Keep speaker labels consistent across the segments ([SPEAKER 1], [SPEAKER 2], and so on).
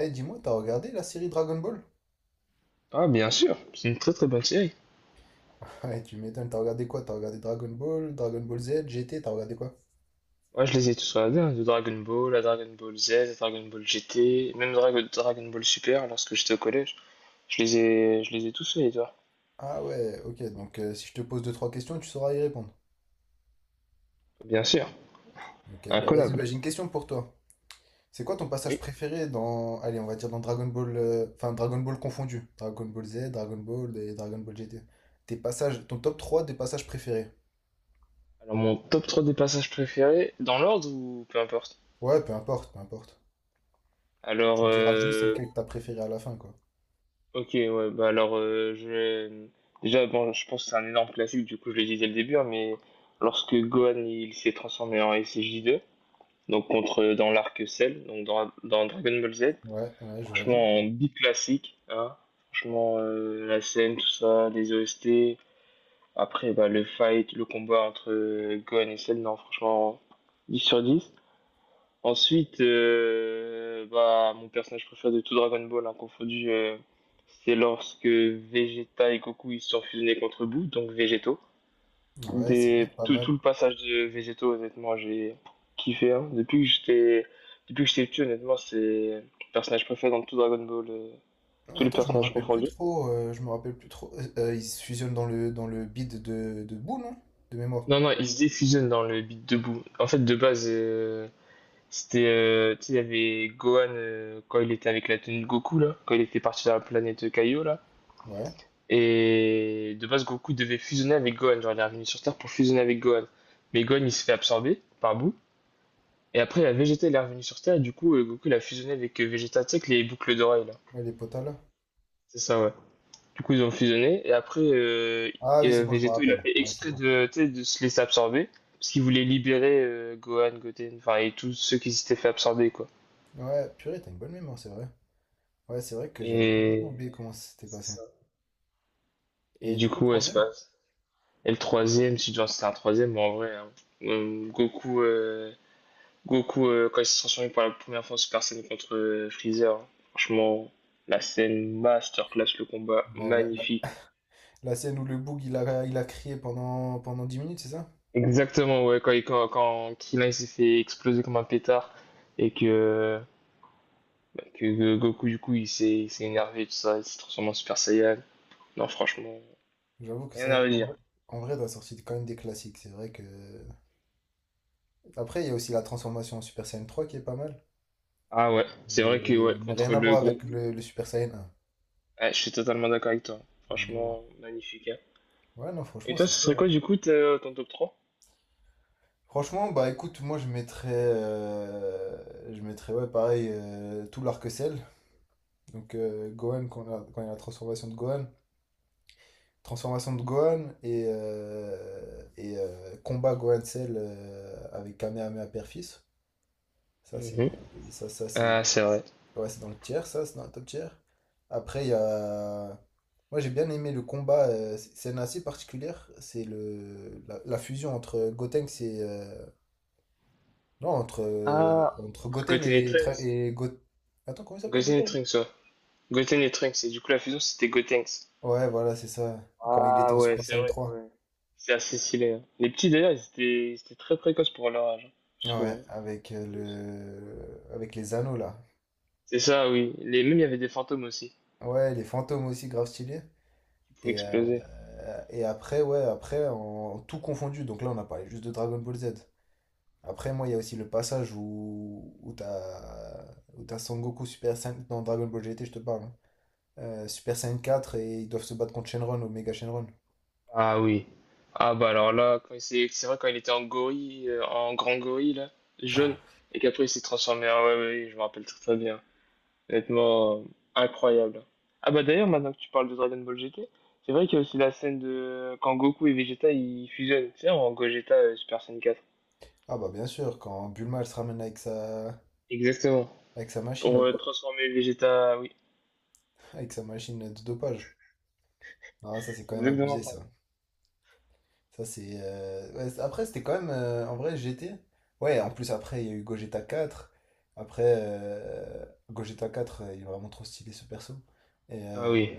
[SPEAKER 1] Eh, dis-moi, t'as regardé la série Dragon Ball?
[SPEAKER 2] Ah, bien sûr, c'est une très très bonne série.
[SPEAKER 1] Ouais, tu m'étonnes, t'as regardé quoi? T'as regardé Dragon Ball, Dragon Ball Z, GT, t'as regardé quoi?
[SPEAKER 2] Ouais, je les ai tous regardés, hein, de Dragon Ball à Dragon Ball Z, à Dragon Ball GT, même Dragon Ball Super lorsque j'étais au collège. Je les ai tous faits, toi.
[SPEAKER 1] Ah ouais, ok, donc si je te pose deux, trois questions, tu sauras y répondre.
[SPEAKER 2] Bien sûr,
[SPEAKER 1] Ok, bah vas-y, bah,
[SPEAKER 2] incollable.
[SPEAKER 1] j'ai une question pour toi. C'est quoi ton passage
[SPEAKER 2] Oui.
[SPEAKER 1] préféré dans, allez, on va dire dans Dragon Ball, enfin Dragon Ball confondu, Dragon Ball Z, Dragon Ball et Dragon Ball GT. Tes passages, ton top 3 des passages préférés.
[SPEAKER 2] Alors, mon top 3 des passages préférés, dans l'ordre ou peu importe?
[SPEAKER 1] Ouais, peu importe, peu importe. Tu
[SPEAKER 2] Alors,
[SPEAKER 1] me diras juste c'est lequel que t'as préféré à la fin, quoi.
[SPEAKER 2] ok, ouais, bah alors, Déjà, bon, je pense que c'est un énorme classique, du coup, je l'ai dit dès le début, hein, mais lorsque Gohan il s'est transformé en S J deux donc contre dans l'arc Cell, donc dans Dragon Ball Z.
[SPEAKER 1] Ouais, ouais, je valide.
[SPEAKER 2] Franchement, en beat classique, hein. Franchement, la scène, tout ça, les OST. Après, bah, le fight, le combat entre Gohan et Cell, non, franchement, 10 sur 10. Ensuite, bah, mon personnage préféré de tout Dragon Ball, hein, confondu, c'est lorsque Vegeta et Goku ils se sont fusionnés contre Boo, donc Végéto.
[SPEAKER 1] Ouais, c'est vrai
[SPEAKER 2] Des,
[SPEAKER 1] que pas
[SPEAKER 2] tout,
[SPEAKER 1] mal.
[SPEAKER 2] tout le passage de Végéto, honnêtement, j'ai kiffé, hein. Depuis que j'étais petit, honnêtement, c'est le personnage préféré dans tout Dragon Ball, tous les
[SPEAKER 1] Attends, je me
[SPEAKER 2] personnages
[SPEAKER 1] rappelle plus
[SPEAKER 2] confondus.
[SPEAKER 1] trop. Je me rappelle plus trop. Ils se fusionnent dans le bid de boue, non? De mémoire.
[SPEAKER 2] Non, non, ils se défusionnent dans le beat debout. En fait, de base, c'était, tu sais, il y avait Gohan quand il était avec la tenue de Goku, là, quand il était parti dans la planète Kaio, là.
[SPEAKER 1] Ouais.
[SPEAKER 2] Et de base, Goku devait fusionner avec Gohan. Genre, il est revenu sur Terre pour fusionner avec Gohan. Mais Gohan, il se fait absorber par bout. Et après, la Vegeta, elle est revenue sur Terre. Et du coup, Goku, il a fusionné avec Vegeta, tu sais, avec les boucles d'oreilles, là.
[SPEAKER 1] Ouais, les potas là.
[SPEAKER 2] C'est ça, ouais. Du coup, ils ont fusionné. Et après,
[SPEAKER 1] Ah
[SPEAKER 2] et,
[SPEAKER 1] oui, c'est bon, je me
[SPEAKER 2] Végéto, il a
[SPEAKER 1] rappelle.
[SPEAKER 2] fait
[SPEAKER 1] Ouais, c'est
[SPEAKER 2] exprès
[SPEAKER 1] bon.
[SPEAKER 2] de, tu sais, de se laisser absorber. Parce qu'il voulait libérer Gohan, Goten, enfin, et tous ceux qui s'étaient fait absorber, quoi.
[SPEAKER 1] Ouais, purée, t'as une bonne mémoire, c'est vrai. Ouais, c'est vrai que j'avais complètement
[SPEAKER 2] Et
[SPEAKER 1] oublié comment ça s'était
[SPEAKER 2] c'est
[SPEAKER 1] passé.
[SPEAKER 2] ça. Et
[SPEAKER 1] Et
[SPEAKER 2] du
[SPEAKER 1] du coup, le
[SPEAKER 2] coup, ouais, c'est
[SPEAKER 1] troisième?
[SPEAKER 2] pas... Et le troisième, si tu vois, c'était un troisième, mais en vrai, hein, Goku, Goku quand il s'est transformé pour la première fois en Super Saiyan contre Freezer, hein, franchement, la scène masterclass, le combat
[SPEAKER 1] La
[SPEAKER 2] magnifique.
[SPEAKER 1] la- scène où le boug il a crié pendant 10 minutes, c'est ça?
[SPEAKER 2] Exactement, ouais, quand Krillin il s'est fait exploser comme un pétard et que, bah, que Goku, du coup, il s'est énervé, tout ça, il s'est transformé en Super Saiyan. Non, franchement,
[SPEAKER 1] J'avoue que
[SPEAKER 2] rien
[SPEAKER 1] ça,
[SPEAKER 2] à
[SPEAKER 1] en
[SPEAKER 2] redire.
[SPEAKER 1] vrai, t'as sorti quand même des classiques. C'est vrai que. Après, il y a aussi la transformation en Super Saiyan 3 qui est pas mal.
[SPEAKER 2] Ah ouais, c'est
[SPEAKER 1] Mais,
[SPEAKER 2] vrai que, ouais,
[SPEAKER 1] mais rien
[SPEAKER 2] contre
[SPEAKER 1] à
[SPEAKER 2] le
[SPEAKER 1] voir
[SPEAKER 2] gros
[SPEAKER 1] avec
[SPEAKER 2] bout, là,
[SPEAKER 1] le Super Saiyan 1.
[SPEAKER 2] ouais, je suis totalement d'accord avec toi.
[SPEAKER 1] Rien à voir.
[SPEAKER 2] Franchement, magnifique, hein.
[SPEAKER 1] Ouais, non,
[SPEAKER 2] Et
[SPEAKER 1] franchement,
[SPEAKER 2] toi,
[SPEAKER 1] c'est
[SPEAKER 2] ce serait
[SPEAKER 1] sûr, hein.
[SPEAKER 2] quoi, du coup, ton top trois.
[SPEAKER 1] Franchement, bah écoute, moi je mettrais ouais, pareil, tout l'arc-en-ciel. Donc Gohan, quand il y a la transformation de Gohan et combat Gohan Cell avec Kamehameha Père-Fils. Ça, c'est,
[SPEAKER 2] Mhm.
[SPEAKER 1] et ça c'est,
[SPEAKER 2] Ah, c'est vrai.
[SPEAKER 1] ouais, c'est dans le tiers, ça, c'est dans le top tiers. Après, il y a, moi j'ai bien aimé le combat, c'est une assez particulière, c'est la fusion entre Gotenks et, Non, entre, euh,
[SPEAKER 2] Ah,
[SPEAKER 1] entre
[SPEAKER 2] entre
[SPEAKER 1] Goten
[SPEAKER 2] Goten et
[SPEAKER 1] et, Tra-
[SPEAKER 2] Trunks.
[SPEAKER 1] et Go- Attends, comment il s'appelle
[SPEAKER 2] Goten
[SPEAKER 1] déjà,
[SPEAKER 2] et
[SPEAKER 1] lui?
[SPEAKER 2] Trunks, ouais. Goten et Trunks, et du coup, la fusion, c'était Gotenks.
[SPEAKER 1] Ouais, voilà, c'est ça. Quand il était
[SPEAKER 2] Ah
[SPEAKER 1] en
[SPEAKER 2] ouais,
[SPEAKER 1] Super
[SPEAKER 2] c'est
[SPEAKER 1] Saiyan
[SPEAKER 2] vrai que
[SPEAKER 1] trois.
[SPEAKER 2] ouais. C'est assez stylé, hein. Les petits d'ailleurs, ils étaient très précoces pour leur âge, hein, je
[SPEAKER 1] Ouais,
[SPEAKER 2] trouve, hein.
[SPEAKER 1] avec les anneaux là.
[SPEAKER 2] C'est ça, oui. Les mêmes, il y avait des fantômes aussi
[SPEAKER 1] Ouais, les fantômes aussi grave stylés.
[SPEAKER 2] qui pouvaient
[SPEAKER 1] Et,
[SPEAKER 2] exploser.
[SPEAKER 1] euh, et après, ouais, après, en tout confondu. Donc là, on a parlé juste de Dragon Ball Z. Après, moi, il y a aussi le passage où t'as Son Goku Super Saiyan dans Dragon Ball GT, je te parle, hein. Super Saiyan 4 et ils doivent se battre contre Shenron, Omega Shenron.
[SPEAKER 2] Ah oui. Ah bah alors là, c'est vrai quand il était en gorille, en grand gorille là, jaune,
[SPEAKER 1] Ah.
[SPEAKER 2] et qu'après il s'est transformé en... Ouais, ouais, ouais, je me rappelle très très bien. Honnêtement, incroyable, hein. Ah bah d'ailleurs, maintenant que tu parles de Dragon Ball GT, c'est vrai qu'il y a aussi la scène de... Quand Goku et Vegeta, ils fusionnent, tu sais, en Gogeta Super Saiyan 4.
[SPEAKER 1] Ah bah bien sûr, quand Bulma elle se ramène avec sa
[SPEAKER 2] Exactement.
[SPEAKER 1] machine,
[SPEAKER 2] Pour transformer Vegeta, oui.
[SPEAKER 1] avec sa machine de dopage. Ah ça c'est quand
[SPEAKER 2] C'est
[SPEAKER 1] même
[SPEAKER 2] exactement
[SPEAKER 1] abusé
[SPEAKER 2] ça.
[SPEAKER 1] ça. Ça c'est ouais, après c'était quand même en vrai G T Ouais, en plus après il y a eu Gogeta quatre. Après Gogeta 4 il est vraiment trop stylé ce perso. Et,
[SPEAKER 2] Ah
[SPEAKER 1] euh,
[SPEAKER 2] oui,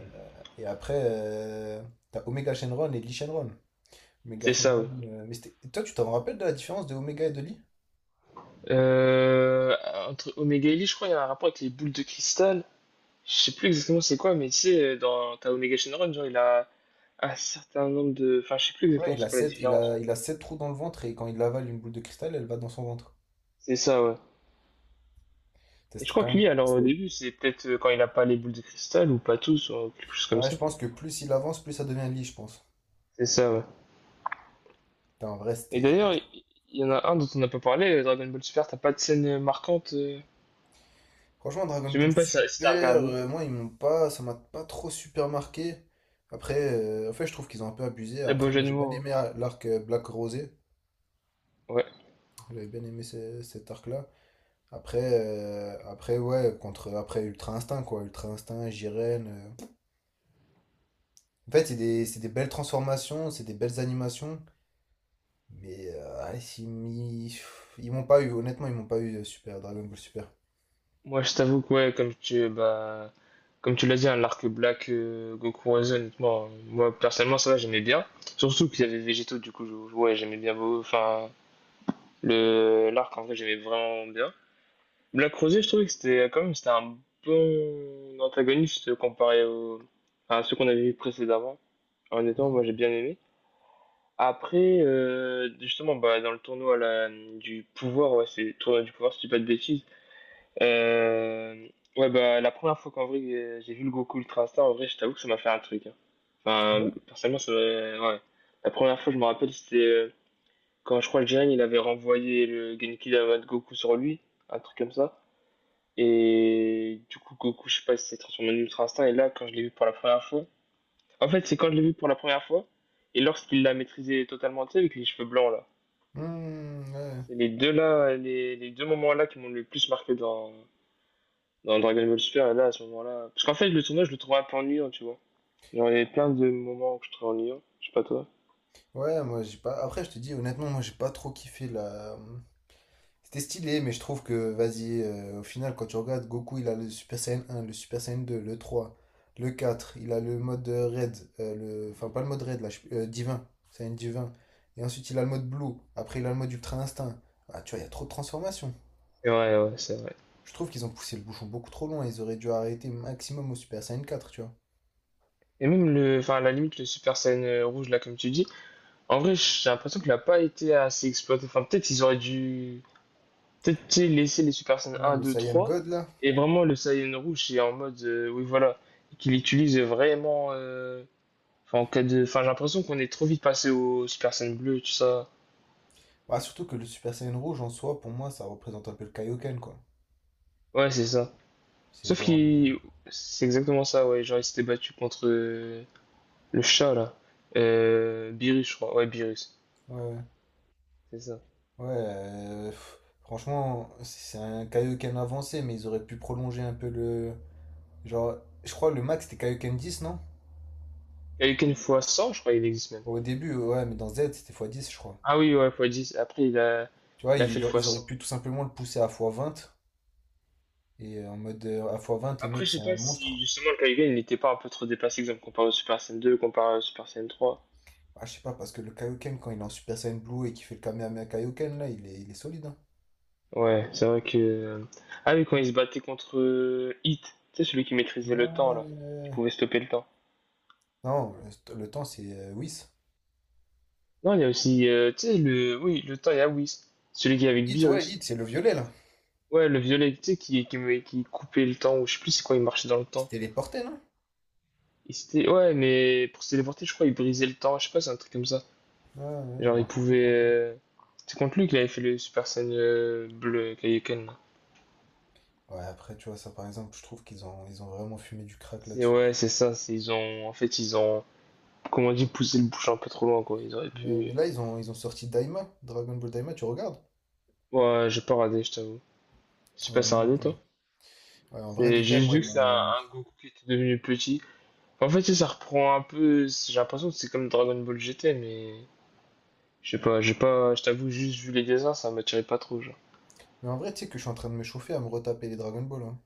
[SPEAKER 1] et après t'as Omega Shenron et Lee Shenron. Omega
[SPEAKER 2] c'est ça,
[SPEAKER 1] Shenron
[SPEAKER 2] oui.
[SPEAKER 1] mais toi tu t'en rappelles de la différence de Omega et de Lee?
[SPEAKER 2] Euh, Entre Omega et Lee, je crois qu'il y a un rapport avec les boules de cristal. Je sais plus exactement c'est quoi, mais tu sais, dans ta Omega Shenron, genre, il a un certain nombre de... Enfin, je sais plus
[SPEAKER 1] Ouais,
[SPEAKER 2] exactement
[SPEAKER 1] il a
[SPEAKER 2] c'est quoi la
[SPEAKER 1] sept il
[SPEAKER 2] différence,
[SPEAKER 1] a
[SPEAKER 2] mais
[SPEAKER 1] il a sept trous dans le ventre et quand il avale une boule de cristal, elle va dans son ventre.
[SPEAKER 2] c'est ça, ouais.
[SPEAKER 1] Ça,
[SPEAKER 2] Et je
[SPEAKER 1] c'était
[SPEAKER 2] crois
[SPEAKER 1] quand
[SPEAKER 2] que
[SPEAKER 1] même.
[SPEAKER 2] lui, alors au début, c'est peut-être quand il a pas les boules de cristal, ou pas tous, ou quelque chose comme
[SPEAKER 1] Ouais, je
[SPEAKER 2] ça.
[SPEAKER 1] pense que plus il avance, plus ça devient lit, je pense.
[SPEAKER 2] C'est ça, ouais.
[SPEAKER 1] Putain, en vrai,
[SPEAKER 2] Et
[SPEAKER 1] c'était...
[SPEAKER 2] d'ailleurs, il y en a un dont on n'a pas parlé, Dragon Ball Super, t'as pas de scène marquante,
[SPEAKER 1] Franchement, Dragon
[SPEAKER 2] je sais
[SPEAKER 1] Ball
[SPEAKER 2] même pas si t'as
[SPEAKER 1] Super,
[SPEAKER 2] regardé.
[SPEAKER 1] moi, ils m'ont pas... Ça m'a pas trop super marqué. Après, en fait, je trouve qu'ils ont un peu abusé.
[SPEAKER 2] Très beau
[SPEAKER 1] Après, moi,
[SPEAKER 2] jeu de
[SPEAKER 1] j'ai bien
[SPEAKER 2] mots, hein.
[SPEAKER 1] aimé l'arc Black Rosé.
[SPEAKER 2] Ouais,
[SPEAKER 1] J'avais bien aimé cet arc-là. Après, après, ouais, contre... Après, Ultra Instinct, quoi. Ultra Instinct, Jiren... En fait, c'est des belles transformations, c'est des belles animations. Mais ah, ils m'y- ils m'ont pas eu, honnêtement, ils m'ont pas eu Super, Dragon Ball Super.
[SPEAKER 2] moi je t'avoue que ouais, comme tu l'as dit, hein, l'arc Black Goku Horizon, honnêtement, moi personnellement ça va, j'aimais bien. Surtout qu'il y avait Végéto, du coup, ouais, j'aimais bien beau enfin le l'arc en vrai, j'aimais vraiment bien. Black Rosé, je trouvais que c'était quand même c'était un bon antagoniste comparé au, à ceux qu'on avait vu précédemment. Honnêtement, moi j'ai bien aimé. Après, justement, bah, dans le tournoi là, du pouvoir, ouais, c'est tournoi du pouvoir, si tu dis pas de bêtises. Euh, ouais, bah, la première fois qu'en vrai j'ai vu le Goku Ultra Star, en vrai, je t'avoue que ça m'a fait un truc, hein.
[SPEAKER 1] Ah
[SPEAKER 2] Enfin,
[SPEAKER 1] ouais.
[SPEAKER 2] personnellement, ouais. La première fois, je me rappelle, c'était quand je crois que Jiren il avait renvoyé le Genki Dama de Goku sur lui, un truc comme ça. Et du coup, Goku, je sais pas, il s'est transformé en Ultra Instinct. Et là, quand je l'ai vu pour la première fois, en fait, c'est quand je l'ai vu pour la première fois et lorsqu'il l'a maîtrisé totalement, tu sais, avec les cheveux blancs là.
[SPEAKER 1] Hmm, ouais.
[SPEAKER 2] C'est les deux là, les deux moments là qui m'ont le plus marqué dans, dans Dragon Ball Super, là, à ce moment-là. Parce qu'en fait, le tournoi, je le trouvais un peu ennuyant, tu vois. Genre, il y avait plein de moments où je trouvais ennuyant. Je sais pas toi.
[SPEAKER 1] Ouais, moi j'ai pas. Après, je te dis honnêtement, moi j'ai pas trop kiffé la. C'était stylé, mais je trouve que, vas-y, au final, quand tu regardes, Goku il a le Super Saiyan un le Super Saiyan 2 le 3 le 4 il a le mode Red, le... enfin pas le mode Red, là, Divin, Saiyan Divin. Et ensuite il a le mode Blue, après il a le mode Ultra Instinct. Ah, tu vois, il y a trop de transformations.
[SPEAKER 2] Et ouais, ouais, c'est vrai.
[SPEAKER 1] Je trouve qu'ils ont poussé le bouchon beaucoup trop loin, ils auraient dû arrêter maximum au Super Saiyan 4 tu vois.
[SPEAKER 2] Et même le, enfin, à la limite, le Super Saiyan rouge, là, comme tu dis, en vrai, j'ai l'impression qu'il a pas été assez exploité. Enfin, peut-être ils auraient dû, peut-être tu sais, laisser les Super Saiyan
[SPEAKER 1] Ouais,
[SPEAKER 2] un,
[SPEAKER 1] le
[SPEAKER 2] 2,
[SPEAKER 1] Saiyan
[SPEAKER 2] 3
[SPEAKER 1] God là.
[SPEAKER 2] et vraiment le Saiyan rouge, c'est en mode, oui, voilà, qu'il utilise vraiment, enfin, en cas de, enfin, j'ai l'impression qu'on est trop vite passé au Super Saiyan bleu, tout ça.
[SPEAKER 1] Bah, surtout que le Super Saiyan Rouge en soi, pour moi, ça représente un peu le Kaioken, quoi.
[SPEAKER 2] Ouais, c'est ça.
[SPEAKER 1] C'est
[SPEAKER 2] Sauf
[SPEAKER 1] genre.
[SPEAKER 2] qu'il. C'est exactement ça, ouais. Genre, il s'était battu contre le chat, là. Beerus, je crois. Ouais, Beerus.
[SPEAKER 1] Ouais, ouais.
[SPEAKER 2] C'est ça.
[SPEAKER 1] Ouais, pff, franchement, c'est un Kaioken avancé, mais ils auraient pu prolonger un peu le. Genre, je crois le max c'était Kaioken 10, non?
[SPEAKER 2] Quelqu'un fois cent je crois, il existe même.
[SPEAKER 1] Au début, ouais, mais dans Z c'était fois 10 je crois.
[SPEAKER 2] Ah oui, ouais, fois dix. Après,
[SPEAKER 1] Tu vois,
[SPEAKER 2] il a
[SPEAKER 1] ils,
[SPEAKER 2] fait le fois
[SPEAKER 1] ils auraient
[SPEAKER 2] cent.
[SPEAKER 1] pu tout simplement le pousser à fois 20 et en mode à fois 20 les
[SPEAKER 2] Après,
[SPEAKER 1] mecs,
[SPEAKER 2] je
[SPEAKER 1] c'est
[SPEAKER 2] sais
[SPEAKER 1] un
[SPEAKER 2] pas si
[SPEAKER 1] monstre.
[SPEAKER 2] justement le Kaigan, il n'était pas un peu trop dépassé, exemple, comparé au Super Saiyan 2, comparé au Super Saiyan trois.
[SPEAKER 1] Ah, je sais pas, parce que le Kaioken, quand il est en Super Saiyan Blue et qu'il fait le Kamehameha Kaioken, là, il est solide, hein.
[SPEAKER 2] Ouais, c'est vrai que, ah oui, quand il se battait contre Hit, tu sais, celui qui maîtrisait le temps, là. Qui
[SPEAKER 1] Ouais.
[SPEAKER 2] pouvait stopper le temps.
[SPEAKER 1] Non, le temps c'est Whis.
[SPEAKER 2] Non, il y a aussi, tu sais, le. Oui, le temps, il y a Whis. Celui qui est avec
[SPEAKER 1] Hit, ouais, Hit,
[SPEAKER 2] Beerus.
[SPEAKER 1] c'est le violet, là.
[SPEAKER 2] Ouais, le violet, tu sais, qui coupait le temps, ou je sais plus c'est quoi, il marchait dans le
[SPEAKER 1] Il se
[SPEAKER 2] temps.
[SPEAKER 1] téléportait, non?
[SPEAKER 2] Et c'était, ouais, mais pour se téléporter, je crois, il brisait le temps, je sais pas, c'est un truc comme ça.
[SPEAKER 1] Ouais, ouais, je
[SPEAKER 2] Genre,
[SPEAKER 1] me
[SPEAKER 2] il
[SPEAKER 1] rappelle plus
[SPEAKER 2] pouvait,
[SPEAKER 1] trop.
[SPEAKER 2] c'est contre lui qu'il avait fait le Super Saiyan bleu Kaioken, là.
[SPEAKER 1] Ouais, après, tu vois, ça par exemple, je trouve qu'ils ont vraiment fumé du crack
[SPEAKER 2] C'est,
[SPEAKER 1] là-dessus.
[SPEAKER 2] ouais, c'est ça, c'est, ils ont. En fait, ils ont, comment on dit, poussé le bouchon un peu trop loin, quoi. Ils auraient
[SPEAKER 1] Ouais,
[SPEAKER 2] pu.
[SPEAKER 1] mais là, ils ont sorti Daima, Dragon Ball Daima, tu regardes?
[SPEAKER 2] Ouais, j'ai pas radé, je t'avoue. Je sais
[SPEAKER 1] Ouais,
[SPEAKER 2] pas,
[SPEAKER 1] moi
[SPEAKER 2] ça a
[SPEAKER 1] non
[SPEAKER 2] radé,
[SPEAKER 1] plus.
[SPEAKER 2] toi?
[SPEAKER 1] Ouais, en vrai de
[SPEAKER 2] C'est j'ai
[SPEAKER 1] vrai,
[SPEAKER 2] juste
[SPEAKER 1] moi,
[SPEAKER 2] vu
[SPEAKER 1] ils
[SPEAKER 2] que c'est
[SPEAKER 1] m'ont.
[SPEAKER 2] un Goku qui était devenu petit. En fait, tu sais, ça reprend un peu. J'ai l'impression que c'est comme Dragon Ball GT, mais. Je sais pas, j'ai pas, je t'avoue, juste vu les dessins, ça m'attirait pas trop, genre.
[SPEAKER 1] Mais en vrai, tu sais que je suis en train de me chauffer à me retaper les Dragon Ball, hein.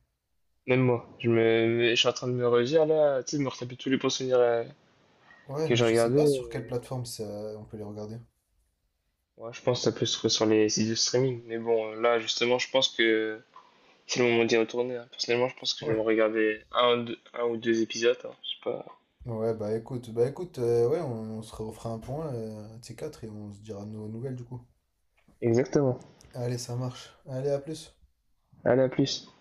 [SPEAKER 2] Même moi, je me, je suis en train de me redire là, tu sais, de me retaper tous les bons souvenirs
[SPEAKER 1] Ouais,
[SPEAKER 2] que
[SPEAKER 1] mais
[SPEAKER 2] j'ai
[SPEAKER 1] je sais
[SPEAKER 2] regardés.
[SPEAKER 1] pas sur quelle plateforme ça... on peut les regarder.
[SPEAKER 2] Ouais, je pense que ça peut se trouver sur les sites de streaming. Mais bon, là, justement, je pense que c'est le moment d'y retourner, hein. Personnellement, je pense que je vais me
[SPEAKER 1] Ouais.
[SPEAKER 2] regarder un ou deux épisodes, hein, je sais pas.
[SPEAKER 1] Ouais, bah écoute, ouais, on se refera un point, T4, et on se dira nos nouvelles du coup.
[SPEAKER 2] Exactement.
[SPEAKER 1] Allez, ça marche. Allez, à plus.
[SPEAKER 2] Allez, à plus.